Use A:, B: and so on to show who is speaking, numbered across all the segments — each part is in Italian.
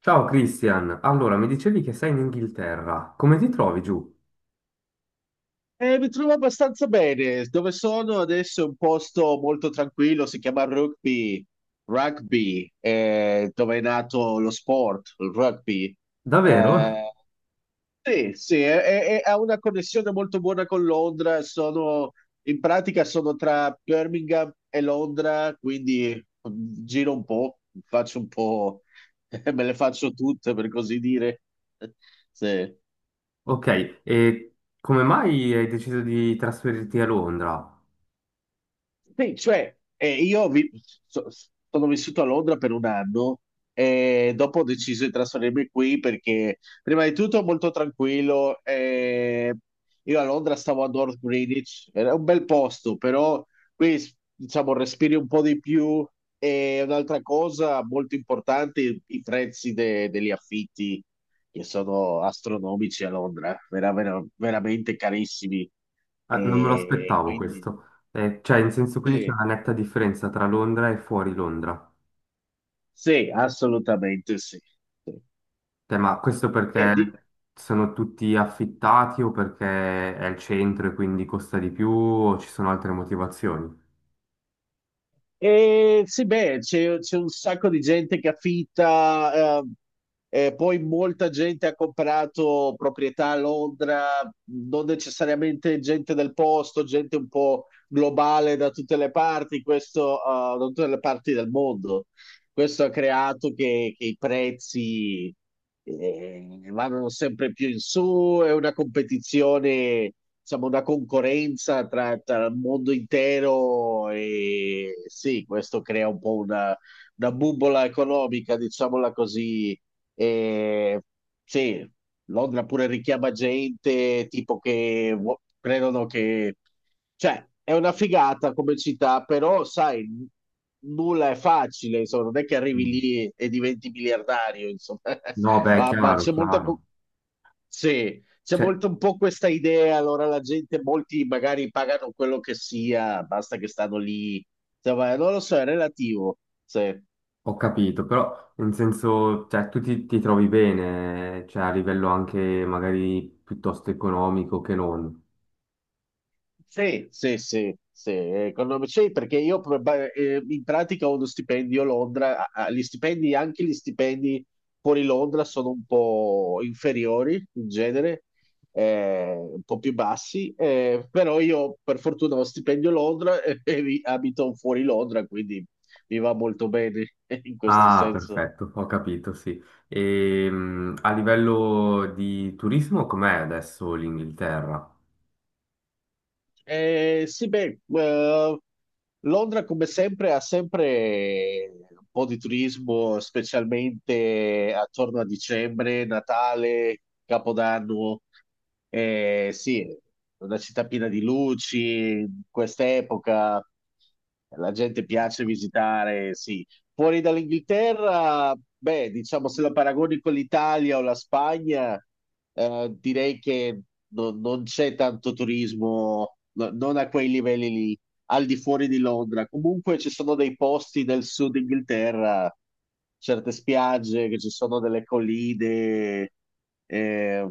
A: Ciao Christian, allora mi dicevi che sei in Inghilterra, come ti trovi giù?
B: Mi trovo abbastanza bene. Dove sono adesso è un posto molto tranquillo, si chiama Rugby, Rugby, dove è nato lo sport, il rugby.
A: Davvero?
B: Eh, sì, sì, ha una connessione molto buona con Londra. In pratica sono tra Birmingham e Londra, quindi giro un po', faccio un po', me le faccio tutte per così dire. Sì.
A: Ok, e come mai hai deciso di trasferirti a Londra?
B: Sì, cioè, io so- sono vissuto a Londra per un anno e dopo ho deciso di trasferirmi qui perché prima di tutto è molto tranquillo. Io a Londra stavo a North Greenwich, era un bel posto, però qui diciamo respiri un po' di più e un'altra cosa molto importante, i prezzi degli affitti che sono astronomici a Londra, veramente carissimi.
A: Non me lo
B: E
A: aspettavo
B: quindi.
A: questo. Cioè, in senso, quindi c'è
B: Sì.
A: una netta differenza tra Londra e fuori Londra.
B: Sì, assolutamente sì. Sì.
A: Cioè, ma questo
B: E,
A: perché
B: di-
A: sono tutti affittati o perché è il centro e quindi costa di più o ci sono altre motivazioni?
B: e sì, beh, c'è un sacco di gente che affitta, e poi molta gente ha comprato proprietà a Londra, non necessariamente gente del posto, gente un po' globale da tutte le parti, questo, da tutte le parti del mondo. Questo ha creato che, i prezzi vanno sempre più in su, è una competizione, diciamo, una concorrenza tra, il mondo intero, e sì, questo crea un po' una, bubola economica, diciamola così, e sì, Londra pure richiama gente, tipo che credono che. Cioè, è una figata come città, però sai, nulla è facile, insomma, non è che arrivi
A: Mm.
B: lì e diventi miliardario, insomma.
A: No, beh,
B: Ma
A: chiaro,
B: c'è molta.
A: chiaro.
B: Sì, c'è
A: Cioè,
B: molto un po' questa idea, allora la gente, molti magari pagano quello che sia, basta che stanno lì. Insomma, non lo so, è relativo. Sì.
A: ho capito, però in senso, cioè, tu ti trovi bene, cioè a livello anche magari piuttosto economico che non.
B: Sì, sì, sì, sì, sì, perché io in pratica ho uno stipendio a Londra, gli stipendi, anche gli stipendi fuori Londra sono un po' inferiori in genere, un po' più bassi, però io per fortuna ho stipendio a Londra e abito fuori Londra, quindi mi va molto bene in questo
A: Ah,
B: senso.
A: perfetto, ho capito, sì. E, a livello di turismo, com'è adesso l'Inghilterra?
B: Sì, beh, Londra come sempre ha sempre un po' di turismo, specialmente attorno a dicembre, Natale, Capodanno. Sì, è una città piena di luci, in quest'epoca la gente piace visitare, sì, fuori dall'Inghilterra, beh, diciamo se lo paragoni con l'Italia o la Spagna, direi che non c'è tanto turismo, non a quei livelli lì, al di fuori di Londra. Comunque ci sono dei posti del sud Inghilterra, certe spiagge, che ci sono delle colline, eh,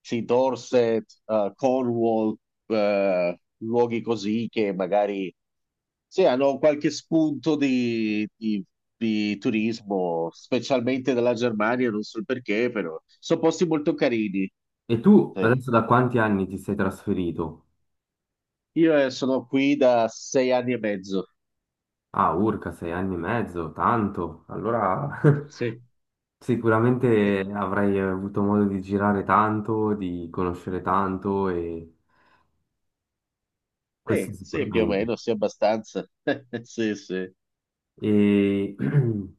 B: sì, Dorset, Cornwall, luoghi così che magari sì, hanno qualche spunto di, di turismo, specialmente dalla Germania, non so il perché, però sono posti molto carini.
A: E tu
B: Sì.
A: adesso da quanti anni ti sei trasferito?
B: Io sono qui da 6 anni e mezzo.
A: Ah, urca, sei anni e mezzo, tanto. Allora,
B: Sì. Eh,
A: sicuramente avrai avuto modo di girare tanto, di conoscere tanto e questo
B: sì, sì, più o
A: sicuramente.
B: meno, sì, abbastanza. Sì, sì.
A: E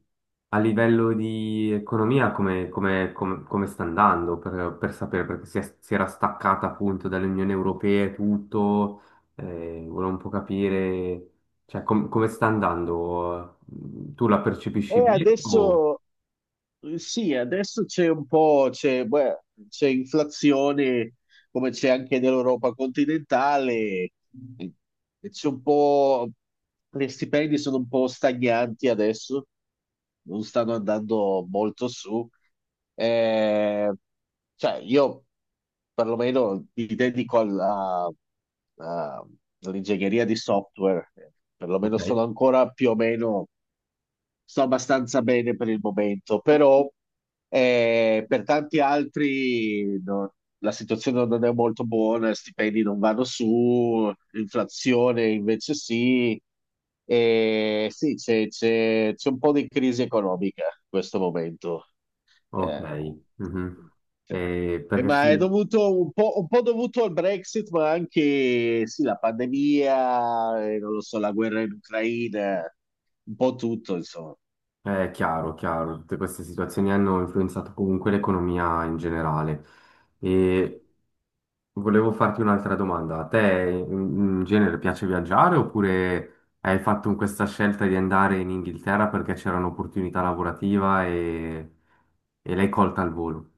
A: a livello di economia, come sta andando, per sapere? Perché si, si era staccata appunto dall'Unione Europea e tutto, volevo un po' capire, cioè, come sta andando? Tu la percepisci
B: E
A: bene o...
B: adesso sì, adesso c'è un po', c'è beh, c'è inflazione come c'è anche nell'Europa continentale, e c'è un po', gli stipendi sono un po' stagnanti adesso, non stanno andando molto su. Eh, cioè, io perlomeno mi dedico alla, a- all'ingegneria di software,
A: Ok,
B: perlomeno sono ancora più o meno sto abbastanza bene per il momento, però per tanti altri no, la situazione non è molto buona, stipendi non vanno su, l'inflazione invece sì, e sì, c'è un po' di crisi economica in questo momento.
A: ok.
B: Eh,
A: Mhm.
B: sì.
A: Perché
B: Ma è
A: sì,
B: dovuto un po', dovuto al Brexit, ma anche sì, la pandemia, non lo so, la guerra in Ucraina, un po' tutto, insomma.
A: è chiaro, chiaro, tutte queste situazioni hanno influenzato comunque l'economia in generale. E volevo farti un'altra domanda. A te in genere piace viaggiare oppure hai fatto questa scelta di andare in Inghilterra perché c'era un'opportunità lavorativa e l'hai colta al volo?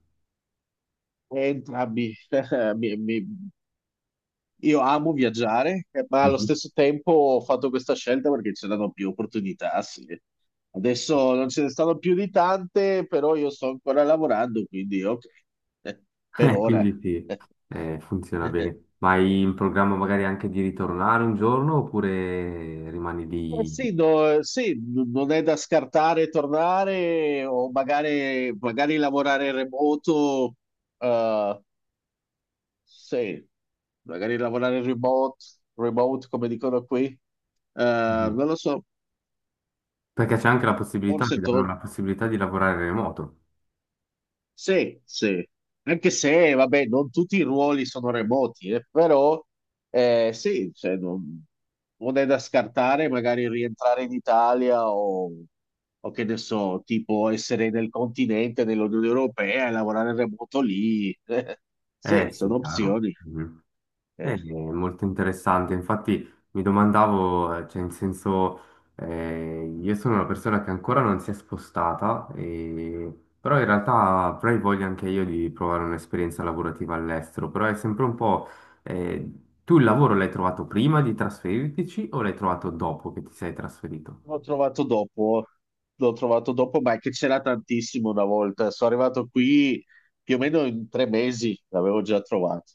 B: E, ah, mi- mi- mi- io amo viaggiare, ma allo
A: Mhm.
B: stesso tempo ho fatto questa scelta perché c'erano più opportunità, sì. Adesso non ce ne stanno più di tante, però io sto ancora lavorando, quindi ok. Eh, per ora.
A: Quindi sì, funziona bene. Ma hai in programma magari anche di ritornare un giorno oppure rimani
B: Eh
A: lì?
B: sì, no, sì, non è da scartare tornare o magari, magari lavorare remoto, eh, sì, magari lavorare in remote, remote come dicono qui. Eh,
A: Mhm.
B: non lo so,
A: Perché c'è anche la possibilità,
B: forse
A: ti danno
B: to-
A: la possibilità di lavorare remoto.
B: sì, sì, anche se, vabbè, non tutti i ruoli sono remoti, però sì, cioè, non è da scartare magari rientrare in Italia, o che ne so, tipo essere nel continente, nell'Unione Europea e lavorare remoto lì,
A: Eh
B: sì,
A: sì,
B: sono
A: chiaro.
B: opzioni.
A: Mhm.
B: Eh.
A: Molto interessante, infatti mi domandavo, cioè in senso, io sono una persona che ancora non si è spostata. Però in realtà avrei voglia anche io di provare un'esperienza lavorativa all'estero, però è sempre un po', eh, Tu il lavoro l'hai trovato prima di trasferirtici o l'hai trovato dopo che ti sei trasferito?
B: L'ho trovato dopo, l'ho trovato dopo, ma è che c'era tantissimo una volta. Sono arrivato qui più o meno in 3 mesi, l'avevo già trovato.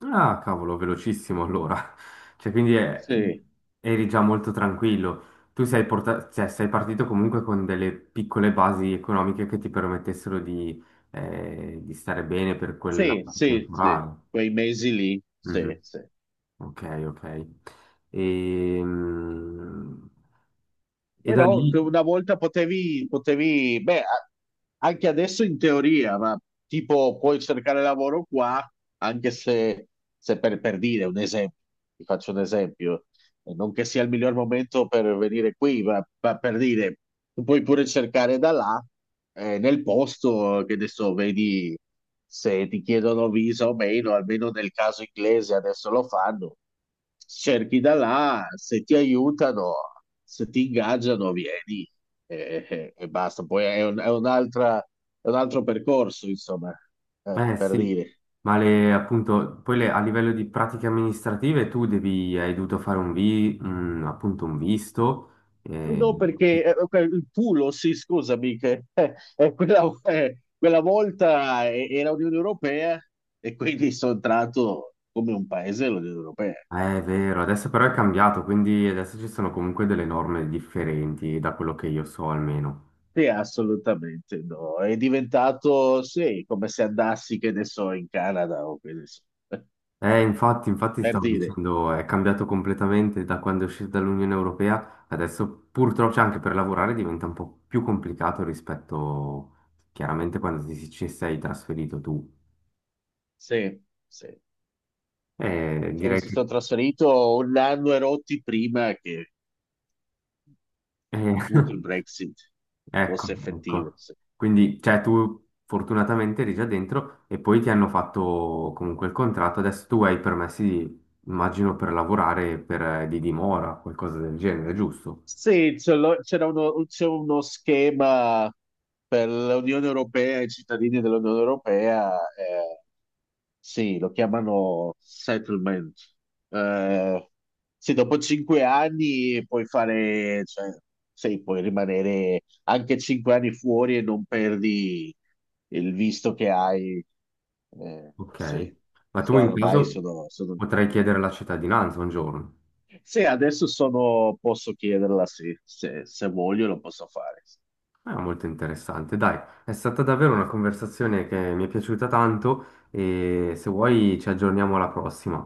A: Ah, cavolo, velocissimo allora. Cioè, quindi
B: Sì,
A: eri già molto tranquillo. Tu, cioè, sei partito comunque con delle piccole basi economiche che ti permettessero di stare bene per quella
B: sì, sì, sì,
A: temporale.
B: quei mesi lì, sì,
A: Mhm.
B: sì.
A: Ok, ok. Ehm, E, da
B: Però
A: lì,
B: che una volta potevi, beh, anche adesso in teoria, ma tipo puoi cercare lavoro qua, anche se per dire un esempio, ti faccio un esempio. E non che sia il miglior momento per venire qui, ma per dire, tu puoi pure cercare da là, nel posto che adesso vedi se ti chiedono visa o meno, almeno nel caso inglese adesso lo fanno, cerchi da là, se ti aiutano, se ti ingaggiano, vieni e basta. Poi è è un altro percorso, insomma,
A: eh
B: per
A: sì,
B: dire.
A: ma le, appunto, a livello di pratiche amministrative tu devi, hai dovuto fare appunto un visto. eh,
B: No, perché ok, il pulo, sì, scusami, che quella volta era Unione Europea e quindi sono entrato come un paese dell'Unione Europea.
A: È vero, adesso però è cambiato, quindi adesso ci sono comunque delle norme differenti da quello che io so almeno.
B: Sì, assolutamente no. È diventato, sì, come se andassi, che ne so, in Canada o che ne so,
A: Infatti
B: per
A: stavo
B: dire.
A: dicendo, è cambiato completamente da quando è uscita dall'Unione Europea, adesso purtroppo cioè, anche per lavorare diventa un po' più complicato rispetto chiaramente quando ci sei trasferito tu.
B: Sì, sì.
A: Eh,
B: Cioè, mi
A: direi che...
B: sono trasferito un anno e rotti prima che
A: eh,
B: appunto il Brexit
A: Ecco,
B: fosse effettivo.
A: ecco.
B: Sì.
A: Quindi, cioè, tu fortunatamente eri già dentro e poi ti hanno fatto comunque il contratto. Adesso tu hai i permessi, immagino, per lavorare per, di dimora, qualcosa del genere, giusto?
B: Sì, ce l'ho- c'era uno, c'è uno schema per l'Unione Europea e i cittadini dell'Unione Europea, sì, lo chiamano settlement. Eh, sì, dopo 5 anni puoi fare, cioè, sì, puoi rimanere anche 5 anni fuori e non perdi il visto che hai.
A: Ok.
B: Sì,
A: Ma tu
B: cioè,
A: in
B: ormai
A: caso
B: sono
A: potrai chiedere la cittadinanza un giorno.
B: sì, adesso sono, posso chiederla, sì, se voglio lo posso fare.
A: È molto interessante. Dai, è stata davvero una conversazione che mi è piaciuta tanto e se vuoi ci aggiorniamo alla prossima.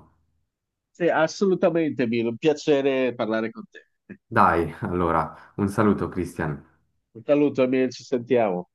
B: Sì, assolutamente, Milo, un piacere parlare con te.
A: Dai, allora, un saluto, Christian.
B: Un saluto, amici, ci sentiamo.